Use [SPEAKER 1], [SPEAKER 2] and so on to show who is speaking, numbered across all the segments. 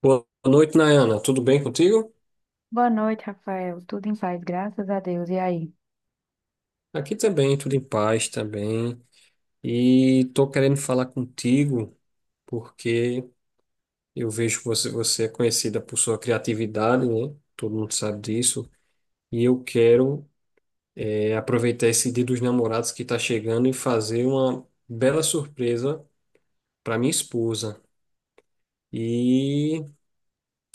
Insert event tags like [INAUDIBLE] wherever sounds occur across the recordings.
[SPEAKER 1] Boa noite, Nayana. Tudo bem contigo?
[SPEAKER 2] Boa noite, Rafael. Tudo em paz, graças a Deus. E aí?
[SPEAKER 1] Aqui também, tudo em paz também. E tô querendo falar contigo porque eu vejo que você é conhecida por sua criatividade, né? Todo mundo sabe disso. E eu quero aproveitar esse Dia dos Namorados que está chegando e fazer uma bela surpresa para minha esposa. E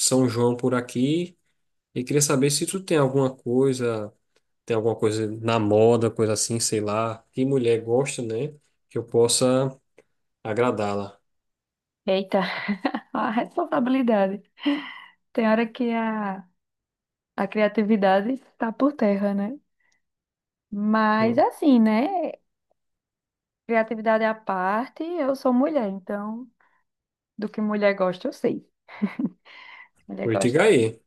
[SPEAKER 1] São João por aqui. E queria saber se tu tem alguma coisa na moda, coisa assim, sei lá, que mulher gosta, né? Que eu possa agradá-la.
[SPEAKER 2] Eita, [LAUGHS] a responsabilidade. Tem hora que a criatividade está por terra, né? Mas
[SPEAKER 1] Hum.
[SPEAKER 2] assim, né? Criatividade à parte, eu sou mulher, então do que mulher gosta, eu sei. [LAUGHS] Mulher
[SPEAKER 1] Pois diga
[SPEAKER 2] gosta de
[SPEAKER 1] aí.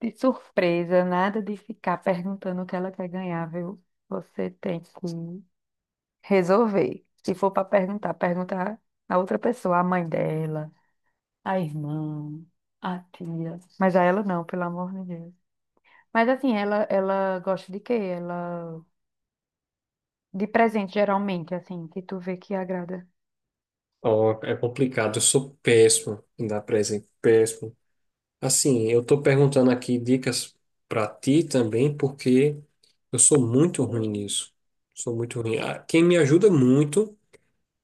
[SPEAKER 2] de surpresa, nada de ficar perguntando o que ela quer ganhar, viu? Você tem que resolver. Se for para perguntar, perguntar a outra pessoa, a mãe dela, a irmã, a tia. Mas a ela não, pelo amor de Deus. Mas assim, ela gosta de quê? Ela de presente geralmente, assim, que tu vê que agrada.
[SPEAKER 1] Ó, é complicado, eu sou péssimo em dar presente, péssimo. Assim, eu tô perguntando aqui dicas pra ti também, porque eu sou muito ruim nisso. Sou muito ruim. Ah, quem me ajuda muito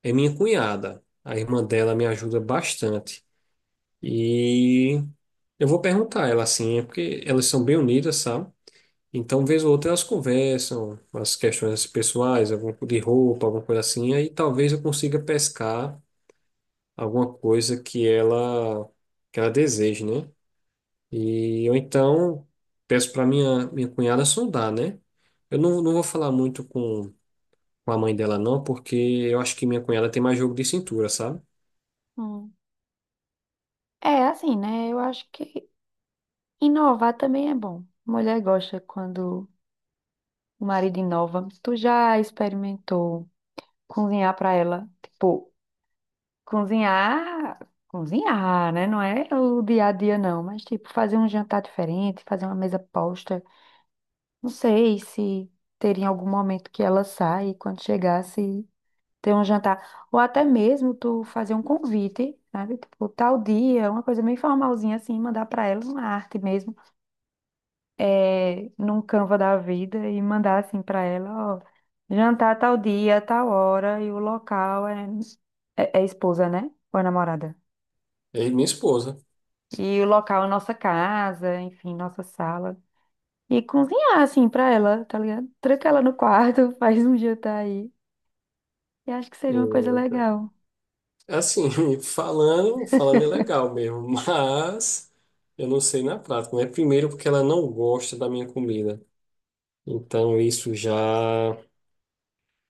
[SPEAKER 1] é minha cunhada. A irmã dela me ajuda bastante. E eu vou perguntar a ela assim, é porque elas são bem unidas, sabe? Então, vez ou outra, elas conversam as questões pessoais, de roupa, alguma coisa assim, aí talvez eu consiga pescar alguma coisa que ela deseje, né? E eu então peço para minha cunhada sondar, né? Eu não vou falar muito com a mãe dela não, porque eu acho que minha cunhada tem mais jogo de cintura, sabe?
[SPEAKER 2] Hum. É assim, né? Eu acho que inovar também é bom. Mulher gosta quando o marido inova. Tu já experimentou cozinhar pra ela? Tipo, cozinhar, cozinhar, né? Não é o dia a dia não, mas tipo fazer um jantar diferente, fazer uma mesa posta. Não sei se teria algum momento que ela sai, e quando chegasse, ter um jantar. Ou até mesmo tu fazer um convite, sabe? Tipo, tal dia, uma coisa meio formalzinha assim, mandar pra ela uma arte mesmo, num Canva da vida e mandar assim pra ela, ó, jantar tal dia, tal hora e o local é, é esposa, né? Ou é namorada?
[SPEAKER 1] É minha esposa.
[SPEAKER 2] E o local é nossa casa, enfim, nossa sala. E cozinhar assim pra ela, tá ligado? Tranca ela no quarto, [LAUGHS] faz um jantar aí. Eu acho que seria uma coisa legal.
[SPEAKER 1] Assim, [LAUGHS] falando é legal mesmo, [LAUGHS] mas eu não sei na prática, né? Primeiro porque ela não gosta da minha comida. Então isso já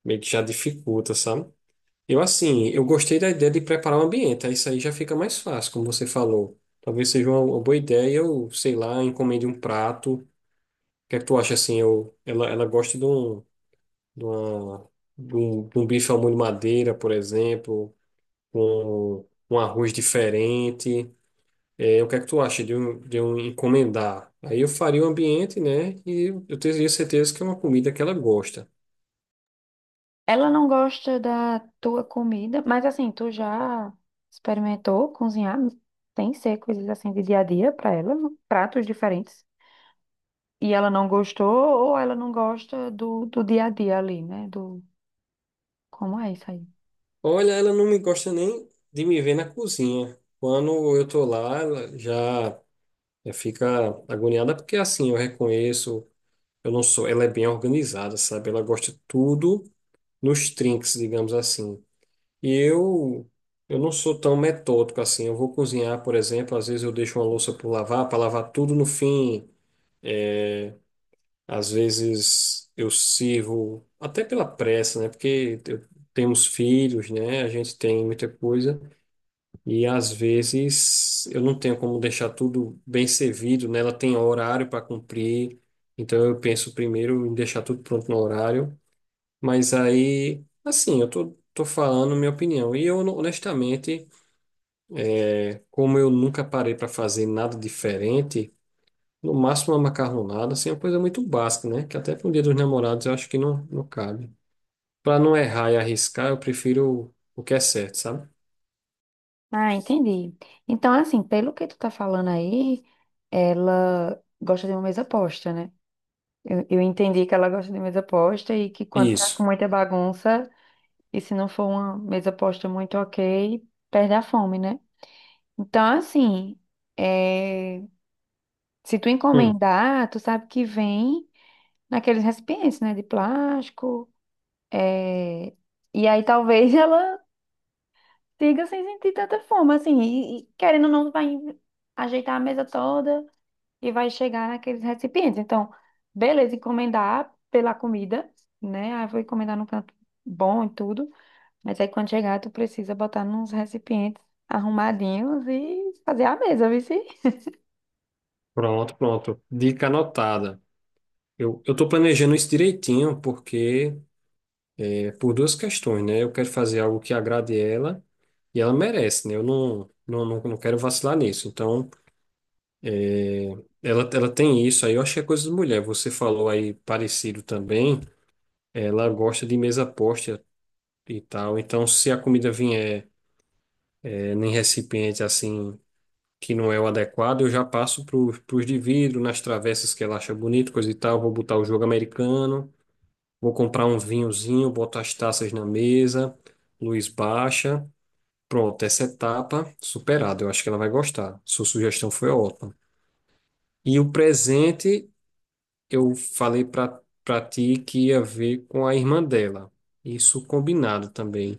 [SPEAKER 1] meio que já dificulta, sabe? Eu assim, eu gostei da ideia de preparar o ambiente, aí isso aí já fica mais fácil, como você falou. Talvez seja uma boa ideia, eu, sei lá, encomende um prato. O que é que tu acha assim? Ela gosta de uma, de um bife ao molho madeira, por exemplo, com um arroz diferente. É, o que é que tu acha de eu encomendar? Aí eu faria o ambiente, né? E eu teria certeza que é uma comida que ela gosta.
[SPEAKER 2] Ela não gosta da tua comida, mas assim, tu já experimentou cozinhar? Tem que ser coisas assim de dia a dia para ela, não? Pratos diferentes. E ela não gostou ou ela não gosta do dia a dia ali, né? Do como é isso aí?
[SPEAKER 1] Olha, ela não me gosta nem de me ver na cozinha. Quando eu tô lá, já fica agoniada, porque assim, eu reconheço, eu não sou, ela é bem organizada, sabe? Ela gosta tudo nos trinques, digamos assim. E eu, eu não sou tão metódico assim. Eu vou cozinhar, por exemplo, às vezes eu deixo uma louça por lavar, para lavar tudo no fim. Às vezes eu sirvo até pela pressa, né? Porque eu tenho os filhos, né? A gente tem muita coisa e às vezes eu não tenho como deixar tudo bem servido, né? Ela tem horário para cumprir, então eu penso primeiro em deixar tudo pronto no horário. Mas aí, assim, tô falando minha opinião e eu honestamente, como eu nunca parei para fazer nada diferente. No máximo uma macarronada, assim, é uma coisa muito básica, né? Que até para o Dia dos Namorados eu acho que não cabe. Para não errar e arriscar, eu prefiro o que é certo, sabe?
[SPEAKER 2] Ah, entendi. Então, assim, pelo que tu tá falando aí, ela gosta de uma mesa posta, né? Eu entendi que ela gosta de mesa posta e que quando tá com
[SPEAKER 1] Isso.
[SPEAKER 2] muita bagunça. E se não for uma mesa posta muito ok, perde a fome, né? Então, assim, é, se tu
[SPEAKER 1] Hum,
[SPEAKER 2] encomendar, tu sabe que vem naqueles recipientes, né? De plástico. é, E aí talvez [LAUGHS] ela siga sem sentir tanta fome, assim. E querendo ou não, vai ajeitar a mesa toda e vai chegar naqueles recipientes. Então, beleza, encomendar pela comida, né? Aí vou encomendar num canto bom e tudo. Mas aí quando chegar, tu precisa botar nos recipientes arrumadinhos e fazer a mesa, viu? Sim?
[SPEAKER 1] pronto, pronto. Dica anotada. Eu tô planejando isso direitinho, porque é por duas questões, né? Eu quero fazer algo que agrade ela e ela merece, né? Eu não quero vacilar nisso. Então, é, ela tem isso aí. Eu acho que é coisa de mulher. Você falou aí parecido também. Ela gosta de mesa posta e tal. Então, se a comida vier é, em recipiente assim que não é o adequado, eu já passo para os de vidro, nas travessas que ela acha bonito, coisa e tal. Vou botar o jogo americano, vou comprar um vinhozinho, boto as taças na mesa, luz baixa. Pronto, essa etapa superada. Eu acho que ela vai gostar. Sua sugestão foi ótima. E o presente, eu falei para ti que ia ver com a irmã dela. Isso combinado também.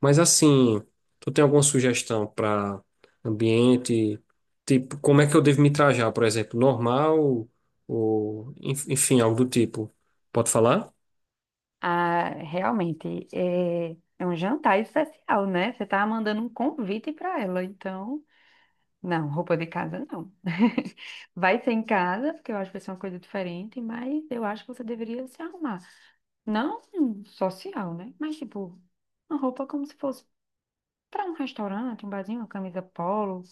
[SPEAKER 1] Mas assim, tu tem alguma sugestão para ambiente? Tipo, como é que eu devo me trajar, por exemplo, normal ou enfim, algo do tipo? Pode falar?
[SPEAKER 2] Ah, realmente, é um jantar especial, né? Você tá mandando um convite para ela, então... Não, roupa de casa não. [LAUGHS] Vai ser em casa, porque eu acho que vai ser uma coisa diferente, mas eu acho que você deveria se arrumar. Não um social, né? Mas tipo, uma roupa como se fosse para um restaurante, um barzinho, uma camisa polo,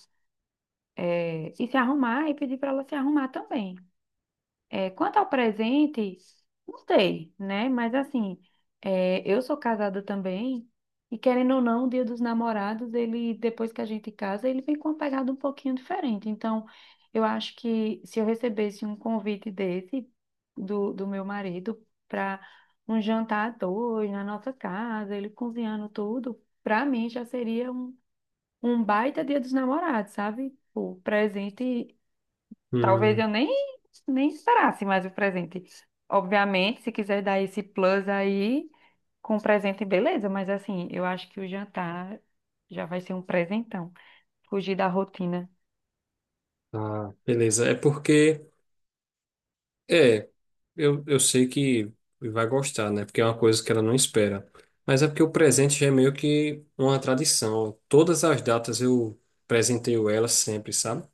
[SPEAKER 2] e se arrumar e pedir para ela se arrumar também. É, quanto ao presente, não sei, né? Mas assim, eu sou casada também, e querendo ou não, o Dia dos Namorados, ele, depois que a gente casa, ele vem com uma pegada um pouquinho diferente. Então, eu acho que se eu recebesse um convite desse do meu marido para um jantar a dois na nossa casa, ele cozinhando tudo, para mim já seria um, um baita Dia dos Namorados, sabe? O presente... Talvez
[SPEAKER 1] Hum,
[SPEAKER 2] eu nem, nem esperasse mais o presente. Obviamente, se quiser dar esse plus aí com presente, beleza, mas assim, eu acho que o jantar já vai ser um presentão. Fugir da rotina.
[SPEAKER 1] tá, beleza. É porque é, eu sei que vai gostar, né? Porque é uma coisa que ela não espera. Mas é porque o presente já é meio que uma tradição. Todas as datas eu presenteio ela sempre, sabe?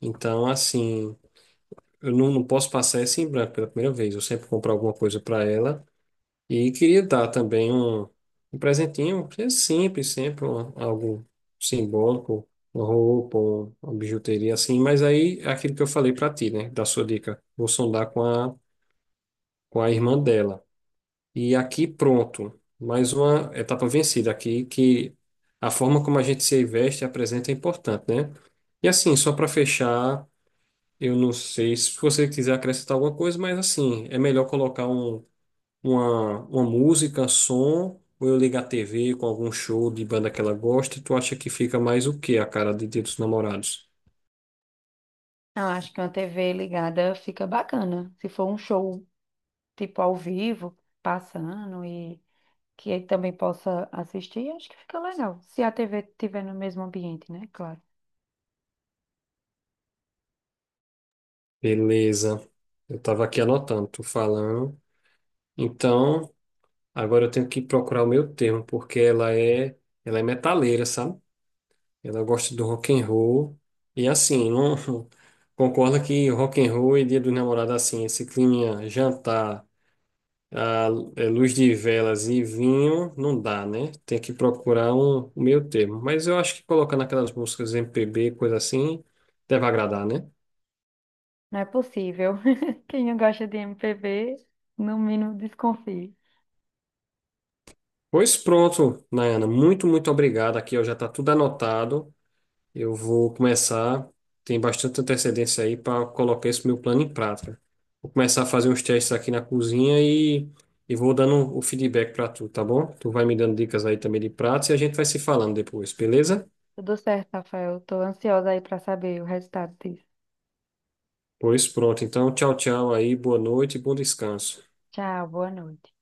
[SPEAKER 1] Então, assim, eu não posso passar essa em branco pela primeira vez. Eu sempre compro alguma coisa para ela. E queria dar também um presentinho, que é simples, sempre algo simbólico, uma roupa, uma bijuteria assim. Mas aí, é aquilo que eu falei para ti, né? Da sua dica. Vou sondar com a irmã dela. E aqui, pronto. Mais uma etapa vencida aqui, que a forma como a gente se veste e apresenta é importante, né? E assim, só para fechar. Eu não sei se você quiser acrescentar alguma coisa, mas assim, é melhor colocar uma música, som, ou eu ligar a TV com algum show de banda que ela gosta, e tu acha que fica mais o quê? A cara de Dia dos Namorados.
[SPEAKER 2] Eu acho que uma TV ligada fica bacana. Se for um show tipo ao vivo, passando e que ele também possa assistir, acho que fica legal. Se a TV estiver no mesmo ambiente, né? Claro.
[SPEAKER 1] Beleza. Eu tava aqui anotando, tu falando. Então, agora eu tenho que procurar o meu termo, porque ela é metaleira, sabe? Ela gosta do rock and roll. E assim, não [LAUGHS] concorda que rock and roll e Dia dos Namorados assim, esse clima jantar a é, luz de velas e vinho não dá, né? Tem que procurar um meio termo. Mas eu acho que colocando aquelas músicas MPB, coisa assim, deve agradar, né?
[SPEAKER 2] Não é possível. [LAUGHS] Quem não gosta de MPB, no mínimo desconfia.
[SPEAKER 1] Pois pronto, Nayana. Muito, muito obrigado. Aqui ó, já está tudo anotado. Eu vou começar. Tem bastante antecedência aí para colocar esse meu plano em prática. Vou começar a fazer uns testes aqui na cozinha e vou dando o feedback para tu, tá bom? Tu vai me dando dicas aí também de pratos e a gente vai se falando depois, beleza?
[SPEAKER 2] Tudo certo, Rafael. Tô ansiosa aí pra saber o resultado disso.
[SPEAKER 1] Pois pronto. Então, tchau, tchau aí. Boa noite e bom descanso.
[SPEAKER 2] Tchau, boa noite.